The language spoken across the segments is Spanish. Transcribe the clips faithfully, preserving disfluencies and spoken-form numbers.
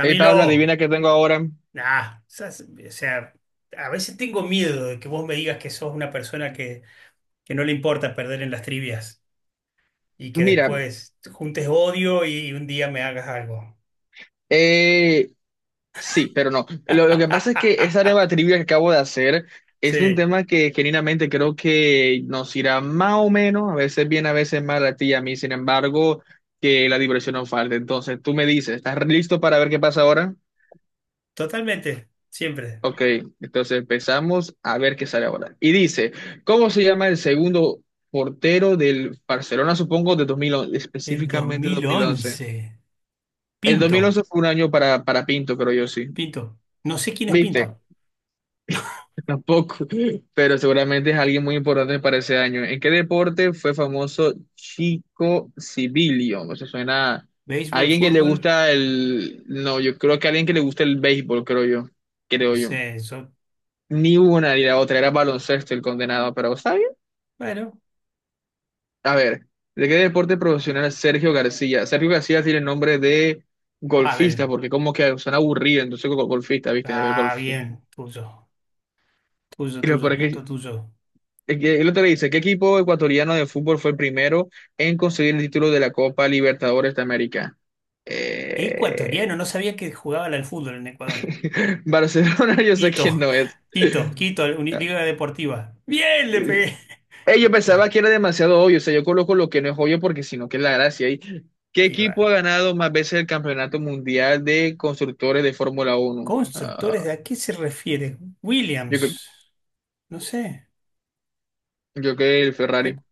Hey Pablo, adivina qué tengo ahora. nah, sas- o sea, a veces tengo miedo de que vos me digas que sos una persona que, que no le importa perder en las trivias y que Mira, después juntes odio y un día me hagas algo. eh, sí, pero no. Lo, lo que pasa es que esa nueva trivia que acabo de hacer es un Sí, tema que genuinamente creo que nos irá más o menos, a veces bien, a veces mal a ti y a mí. Sin embargo, que la diversión no falte. Entonces, tú me dices, ¿estás listo para ver qué pasa ahora? totalmente, siempre. Ok, entonces empezamos a ver qué sale ahora. Y dice, ¿cómo se llama el segundo portero del Barcelona, supongo, de dos mil once, El dos específicamente dos mil mil once? once, El Pinto, dos mil once fue un año para, para Pinto, creo yo, sí. Pinto. No sé quién es ¿Viste? Pinto. Tampoco, pero seguramente es alguien muy importante para ese año. ¿En qué deporte fue famoso Chico Civilio? No se suena a Béisbol, alguien que le fútbol, gusta el... No, yo creo que alguien que le gusta el béisbol, creo yo. no Creo yo. sé, eso, Ni una ni la otra, era baloncesto el condenado, pero ¿está bien? bueno, A ver, ¿de qué deporte profesional es Sergio García? Sergio García tiene nombre de golfista, padre. porque como que suena aburrido, entonces go- golfista, ¿viste? El Ah, golf, sí. bien, tuyo, tuyo, Y lo tuyo, peor es punto que tuyo. El que- el otro le dice, ¿qué equipo ecuatoriano de fútbol fue el primero en conseguir el título de la Copa Libertadores de América? Eh, Ecuatoriano, no sabía que jugaban al fútbol en Ecuador. Barcelona, yo sé quién Quito, no es. Quito, Quito, Uni- Liga Deportiva. Bien, le pegué. Eh, yo Le pensaba pegué. que era demasiado obvio, o sea, yo coloco lo que no es obvio porque si no, que es la gracia ahí. ¿Qué Y equipo va. ha ganado más veces el Campeonato Mundial de Constructores de Fórmula Uno? Constructores, Ah, ¿de a qué se refiere? yo, creo- Williams, no sé. yo creo que el Pe- Ferrari.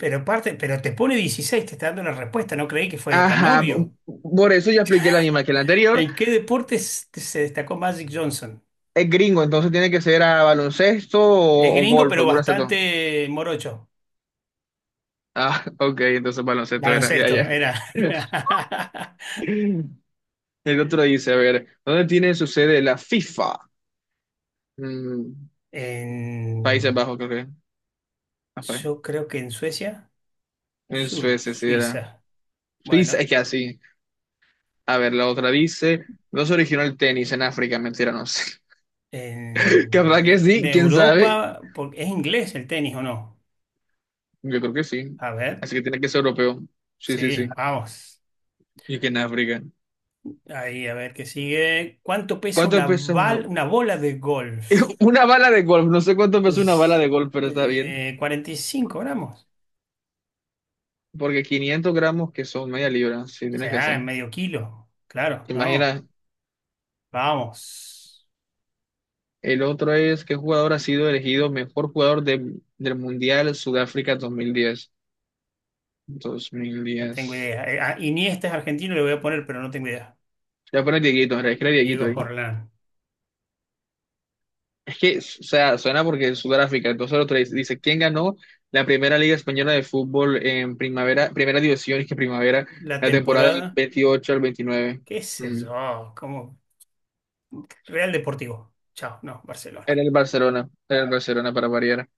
Pero, parte, pero te pone dieciséis, te está dando la respuesta, no creí que fuera tan Ajá, obvio. por eso ya expliqué la misma que la anterior. ¿En qué deporte s- se destacó Magic Johnson? Es gringo, entonces tiene que ser a baloncesto Es o, o gringo, golf, pero alguna se toma. bastante morocho. Ah, ok, entonces baloncesto era, ya, Baloncesto, ya. era. El otro dice, a ver, ¿dónde tiene su sede la FIFA? Mm, Países En- Bajos, creo que. Ah, pa- yo creo que en Suecia. en Su- Suecia, sí era. Suiza. Suiza, Bueno, es que así. A ver, la otra dice, ¿no se originó el tenis en África? Mentira, no sé. Capaz que en, en sí, quién sabe. Europa, por- ¿es inglés el tenis o no? Yo creo que sí. A ver, Así que tiene que ser europeo. Sí, sí, sí. sí, vamos. Y que en África. Ahí, a ver qué sigue. ¿Cuánto pesa ¿Cuánto una, pesa una? bal- una bola de golf? Una bala de golf, no sé cuánto pesa una bala Es- de golf, pero está bien. eh, cuarenta y cinco gramos. Porque quinientos gramos, que son media libra, sí, O tiene que sea, ser. en medio kilo. Claro, no. Imagina, Vamos. el otro es qué jugador ha sido elegido mejor jugador de- del Mundial Sudáfrica dos dos mil diez dos mil No tengo diez idea. Eh, a Iniesta es argentino, le voy a poner, pero no tengo idea. Ya pone Dieguito, en realidad, escribe Dieguito Diego ahí. Forlán. Es que, o sea, suena porque es Sudáfrica, entonces el otro dice, Sí. dice, ¿quién ganó la primera Liga Española de Fútbol en primavera, primera división, es que primavera, La la temporada del temporada, veintiocho al veintinueve? qué sé Mm. yo, ¿cómo? Real Deportivo. Chao, no, En Barcelona. el Barcelona, en el Barcelona para variar.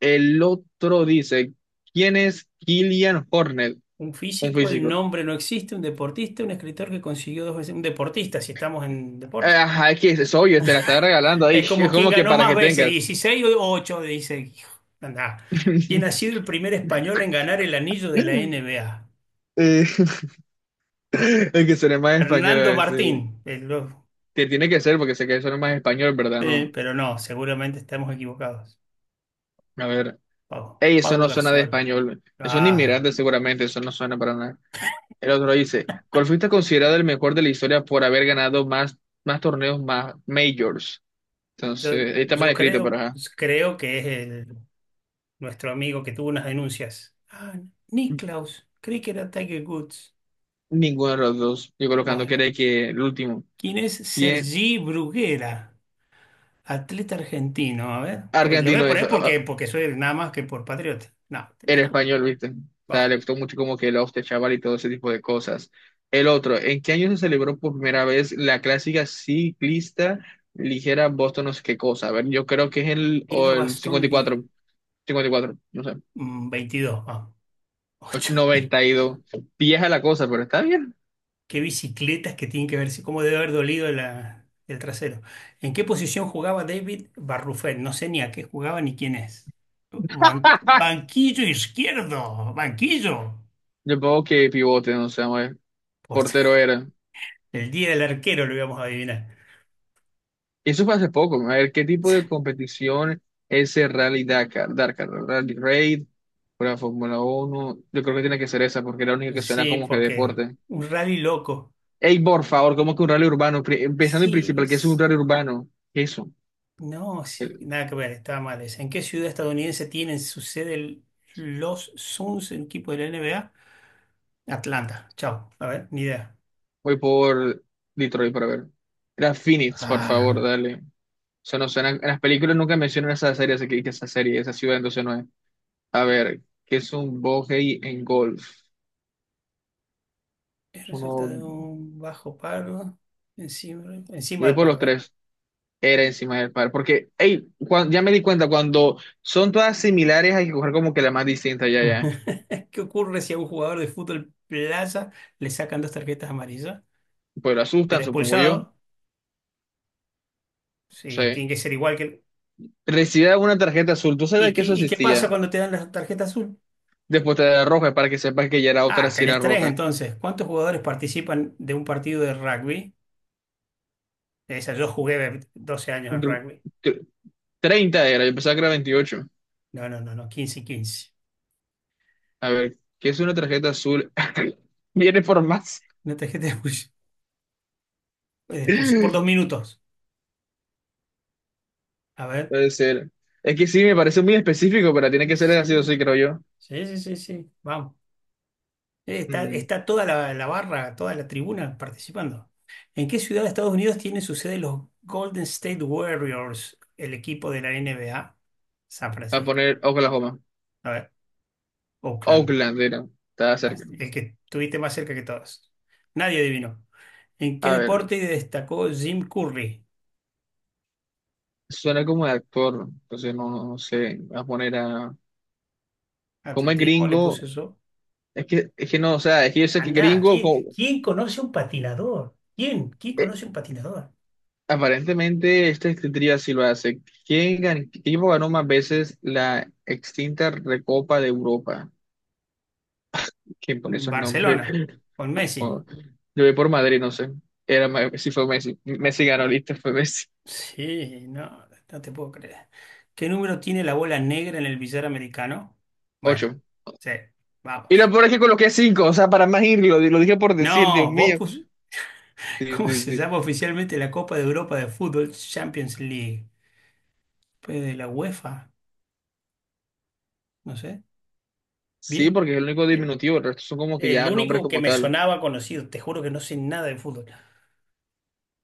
El otro dice, ¿quién es Killian Hornet? Un Un físico, el físico. nombre no existe, un deportista, un escritor que consiguió dos veces, un deportista, si estamos en Eh, deporte. Ajá, es que es obvio, te la está regalando ahí. Es Es como quien como que ganó para más que veces, tengas. dieciséis o ocho, dice, hijo. Andá. ¿Quién ha sido el primer español en ganar el anillo de la N B A? Eh, el que suene más español Fernando es, eh, Martín. Eh, lo- Que tiene que ser porque sé que suena más español, ¿verdad? eh, No. Pero no, seguramente estamos equivocados. A ver. Pau, Ey, eso Pau no suena de Gasol. español. Es un Ah, inmigrante seguramente, eso no suena para nada. El otro dice, ¿cuál fuiste considerado el mejor de la historia por haber ganado más, más torneos, más majors? yo, Entonces, ahí está mal yo escrito, pero creo, ajá. creo que es el nuestro amigo que tuvo unas denuncias. Ah, Niklaus, creí que era Tiger Woods. Ninguno de los dos. Yo colocando que Bueno, no que el último. ¿quién es ¿Quién? Sergi Bruguera? Atleta argentino, a ver. Porque- lo voy Argentino a es. poner Ah, porque, ah, porque soy nada más que por patriota. No, era listo. español, ¿viste? O sea, Va. le gustó mucho como que el hostia chaval y todo ese tipo de cosas. El otro, ¿en qué año se celebró por primera vez la clásica ciclista ligera Boston no sé qué cosa? A ver, yo creo que es el, Liga o el Bastón Liga. cincuenta y cuatro, cincuenta y cuatro, no sé, Mm, veintidós, vamos. ocho. noventa y dos. Vieja la cosa, pero está bien. Qué bicicletas que tienen que ver, si, cómo debe haber dolido la- el trasero. ¿En qué posición jugaba David Barrufet? No sé ni a qué jugaba ni quién es. Ban- banquillo izquierdo, banquillo. Yo pongo que pivote, no sé, vamos a ver. Por Portero era. el día del arquero lo íbamos a adivinar. Eso fue hace poco, ¿no? A ver, ¿qué tipo de competición es el Rally Dakar? Dakar, Rally Raid, la Fórmula Uno. Yo creo que tiene que ser esa porque es la única que suena Sí, como que porque deporte. un rally loco. Ey, por favor, ¿cómo que un rally urbano? Pri- Empezando en Sí, principal, ¿qué es un es- rally urbano? ¿Qué es eso? no, sí, Eh, nada que ver, estaba mal esa. ¿En qué ciudad estadounidense tienen su sede el- los Suns, el equipo de la N B A? Atlanta, chao, a ver, ni idea. Voy por Detroit para ver. Era Phoenix, por Ah. favor, dale. Eso no suena. En las películas nunca mencionan esa serie, así que que esa serie, esa ciudad, entonces no es. A ver, ¿qué es un bogey en golf? Es Uno, resultado de un bajo paro encima, yo encima voy del por paro. A los ver. tres. Era encima del par. Porque, hey, cuan- ya me di cuenta, cuando son todas similares hay que coger como que la más distinta, ya, ya. ¿Qué ocurre si a un jugador de fútbol plaza le sacan dos tarjetas amarillas? Pues lo Será asustan, supongo yo. expulsado. Sí, Sí. tiene que ser igual que... el- Recibía una tarjeta azul. ¿Tú ¿Y sabes que qué, eso y qué pasa existía? cuando te dan la tarjeta azul? Después te da roja para que sepas que ya era otra Ah, si tenés era tres roja. entonces. ¿Cuántos jugadores participan de un partido de rugby? Esa, yo jugué doce años al Tr- rugby. tr- treinta era, yo pensaba que era veintiocho. No, no, no, no, quince y quince. A ver, ¿qué es una tarjeta azul? Viene por más. Una tarjeta de expulsión, de expulsión por dos minutos. A ver. Puede ser. Es que sí, me parece muy específico, pero tiene Sí, que ser así o sí, creo yo. sí, sí, sí, sí. Vamos. Eh, Está, Mm, está toda la, la barra, toda la tribuna participando. ¿En qué ciudad de Estados Unidos tienen su sede los Golden State Warriors, el equipo de la N B A? San a Francisco. poner Oklahoma. A ver, Oakland, Oakland era. Estaba cerca. el que estuviste más cerca que todos. Nadie adivinó. ¿En qué A ver, deporte destacó Jim Curry? suena como de actor, entonces no, no sé, voy a poner a... Como es Atletismo, le puse gringo, eso. es que, es que no, o sea, es que yo sé que Andá, gringo, ¿quién, co- quién conoce un patinador? ¿Quién? ¿Quién eh, conoce un patinador? aparentemente esta escritura sí lo hace. ¿Quién gan- qué equipo ganó más veces la extinta Recopa de Europa? ¿Quién pone esos nombres? Barcelona, con Messi. O- Yo voy por Madrid, no sé. Era, Me- sí fue Messi. Messi ganó, listo, fue Messi. Sí, no, no te puedo creer. ¿Qué número tiene la bola negra en el billar americano? Bueno, Ocho. sí, Y lo vamos. peor es que coloqué cinco, o sea, para más irlo, lo dije por decir, Dios No, vos mío. pus... Sí, ¿Cómo sí, se sí. llama oficialmente la Copa de Europa de Fútbol Champions League? Pues de la UEFA, no sé. Sí, Bien, porque es el único bien. diminutivo, el resto son como que El ya nombres único que como me tal. sonaba conocido, te juro que no sé nada de fútbol.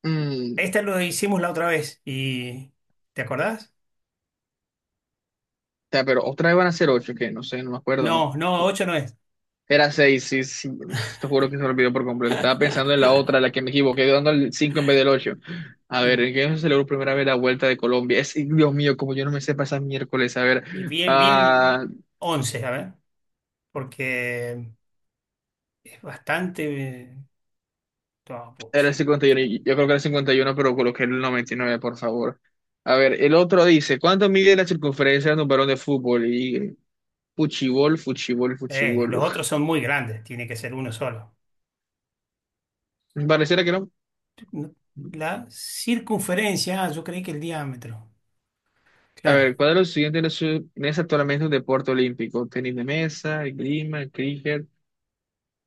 Mm, Esta lo hicimos la otra vez y... ¿Te acordás? ta, pero otra vez van a ser ocho, que no sé, no me acuerdo. No, no, ocho no es. Era seis, sí, sí, te juro que se me olvidó por completo. Estaba pensando en la otra, la que me equivoqué, dando el cinco en vez del ocho. A ver, Y, ¿en qué se celebró por primera vez la Vuelta de Colombia? Es, Dios mío, como yo no me sé pasar miércoles, a ver. y bien, bien, Ah, once, a ver, porque... Bastante. eh, no, era pucha. el cincuenta y uno, y- uno, y- yo creo que era el cincuenta y uno, pero coloqué el noventa y nueve, por favor. A ver, el otro dice, ¿cuánto mide la circunferencia de un balón de fútbol? Fuchibol, fuchibol, Eh, fuchibol. Los otros son muy grandes, tiene que ser uno solo. Pareciera que no. No, la circunferencia, ah, yo creí que el diámetro. A Claro. ver, ¿cuál de los siguientes no es, no es actualmente un deporte olímpico? Tenis de mesa, esgrima, cricket.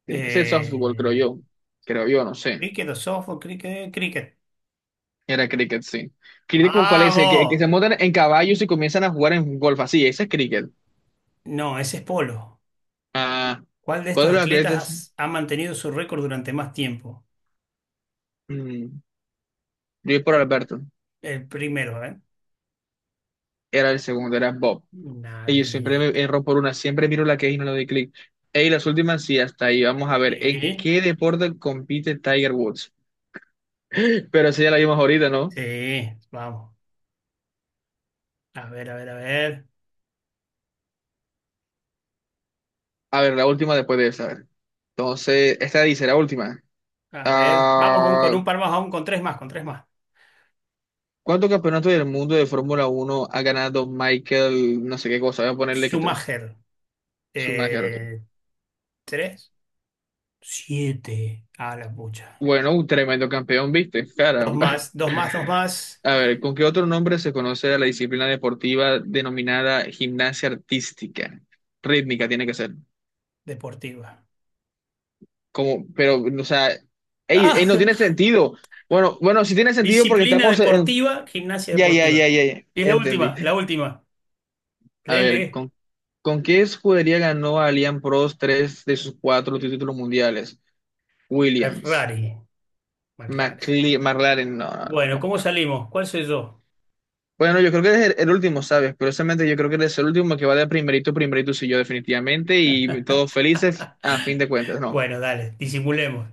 Tiene que ser softball, Eh, creo yo. Creo yo, no sé. Cricket o softball, cricket, cricket. Era cricket, sí. ¿Cricket como cuál es? El Que, el que ¡Vamos! se montan en caballos y comienzan a jugar en golf. Así, ese es cricket. No, ese es polo. Ah, ¿Cuál de ¿cuál estos de los atletas? atletas ha mantenido su récord durante más tiempo? Mm, yo voy por Alberto. El primero, ¿eh? Era el segundo, era Bob. Y yo Nadie. siempre me erro por una, siempre miro la que es y no le doy clic. Y las últimas sí, hasta ahí. Vamos a ver, ¿en Sí, qué deporte compite Tiger Woods? Pero esa ya la vimos ahorita, ¿no? sí, vamos. A ver, a ver, a ver. A ver, la última después de esa, a ver. Entonces, esta dice, la última. A ver. Vamos con, con Ah, un par más, aún con tres más, con tres más. ¿cuántos campeonatos del mundo de Fórmula Uno ha ganado Michael, no sé qué cosa? Voy a ponerle que tres. Schumacher, Schumacher, ok. eh, tres, siete, a la pucha. Bueno, un tremendo campeón, ¿viste? Dos Caramba. más, dos más, dos más, A ver, ¿con qué otro nombre se conoce a la disciplina deportiva denominada gimnasia artística? Rítmica tiene que ser. deportiva. Como, pero, o sea, ey, ey, Ah, no tiene sentido. Bueno, bueno, sí tiene sentido porque disciplina estamos en... deportiva, gimnasia Ya, ya, ya, deportiva. ya, ya, ya Y es la entendí. última, la última. A ver, Lele, ¿con, con qué escudería ganó Allianz Prost tres de sus cuatro títulos mundiales? Williams, Ferrari, McLaren. McLe- McLaren, no, no, no, Bueno, ¿cómo compra. salimos? ¿Cuál soy yo? Bueno, yo creo que eres el, el último, ¿sabes? Curiosamente, yo creo que eres el último que va de primerito, primerito, sí, yo definitivamente, y todos felices a fin de cuentas, ¿no? Bueno, dale, disimulemos.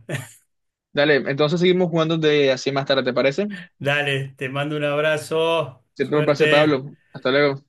Dale, entonces seguimos jugando de así más tarde, ¿te parece? Dale, te mando un abrazo. Siempre un placer, Suerte. Pablo. Hasta luego.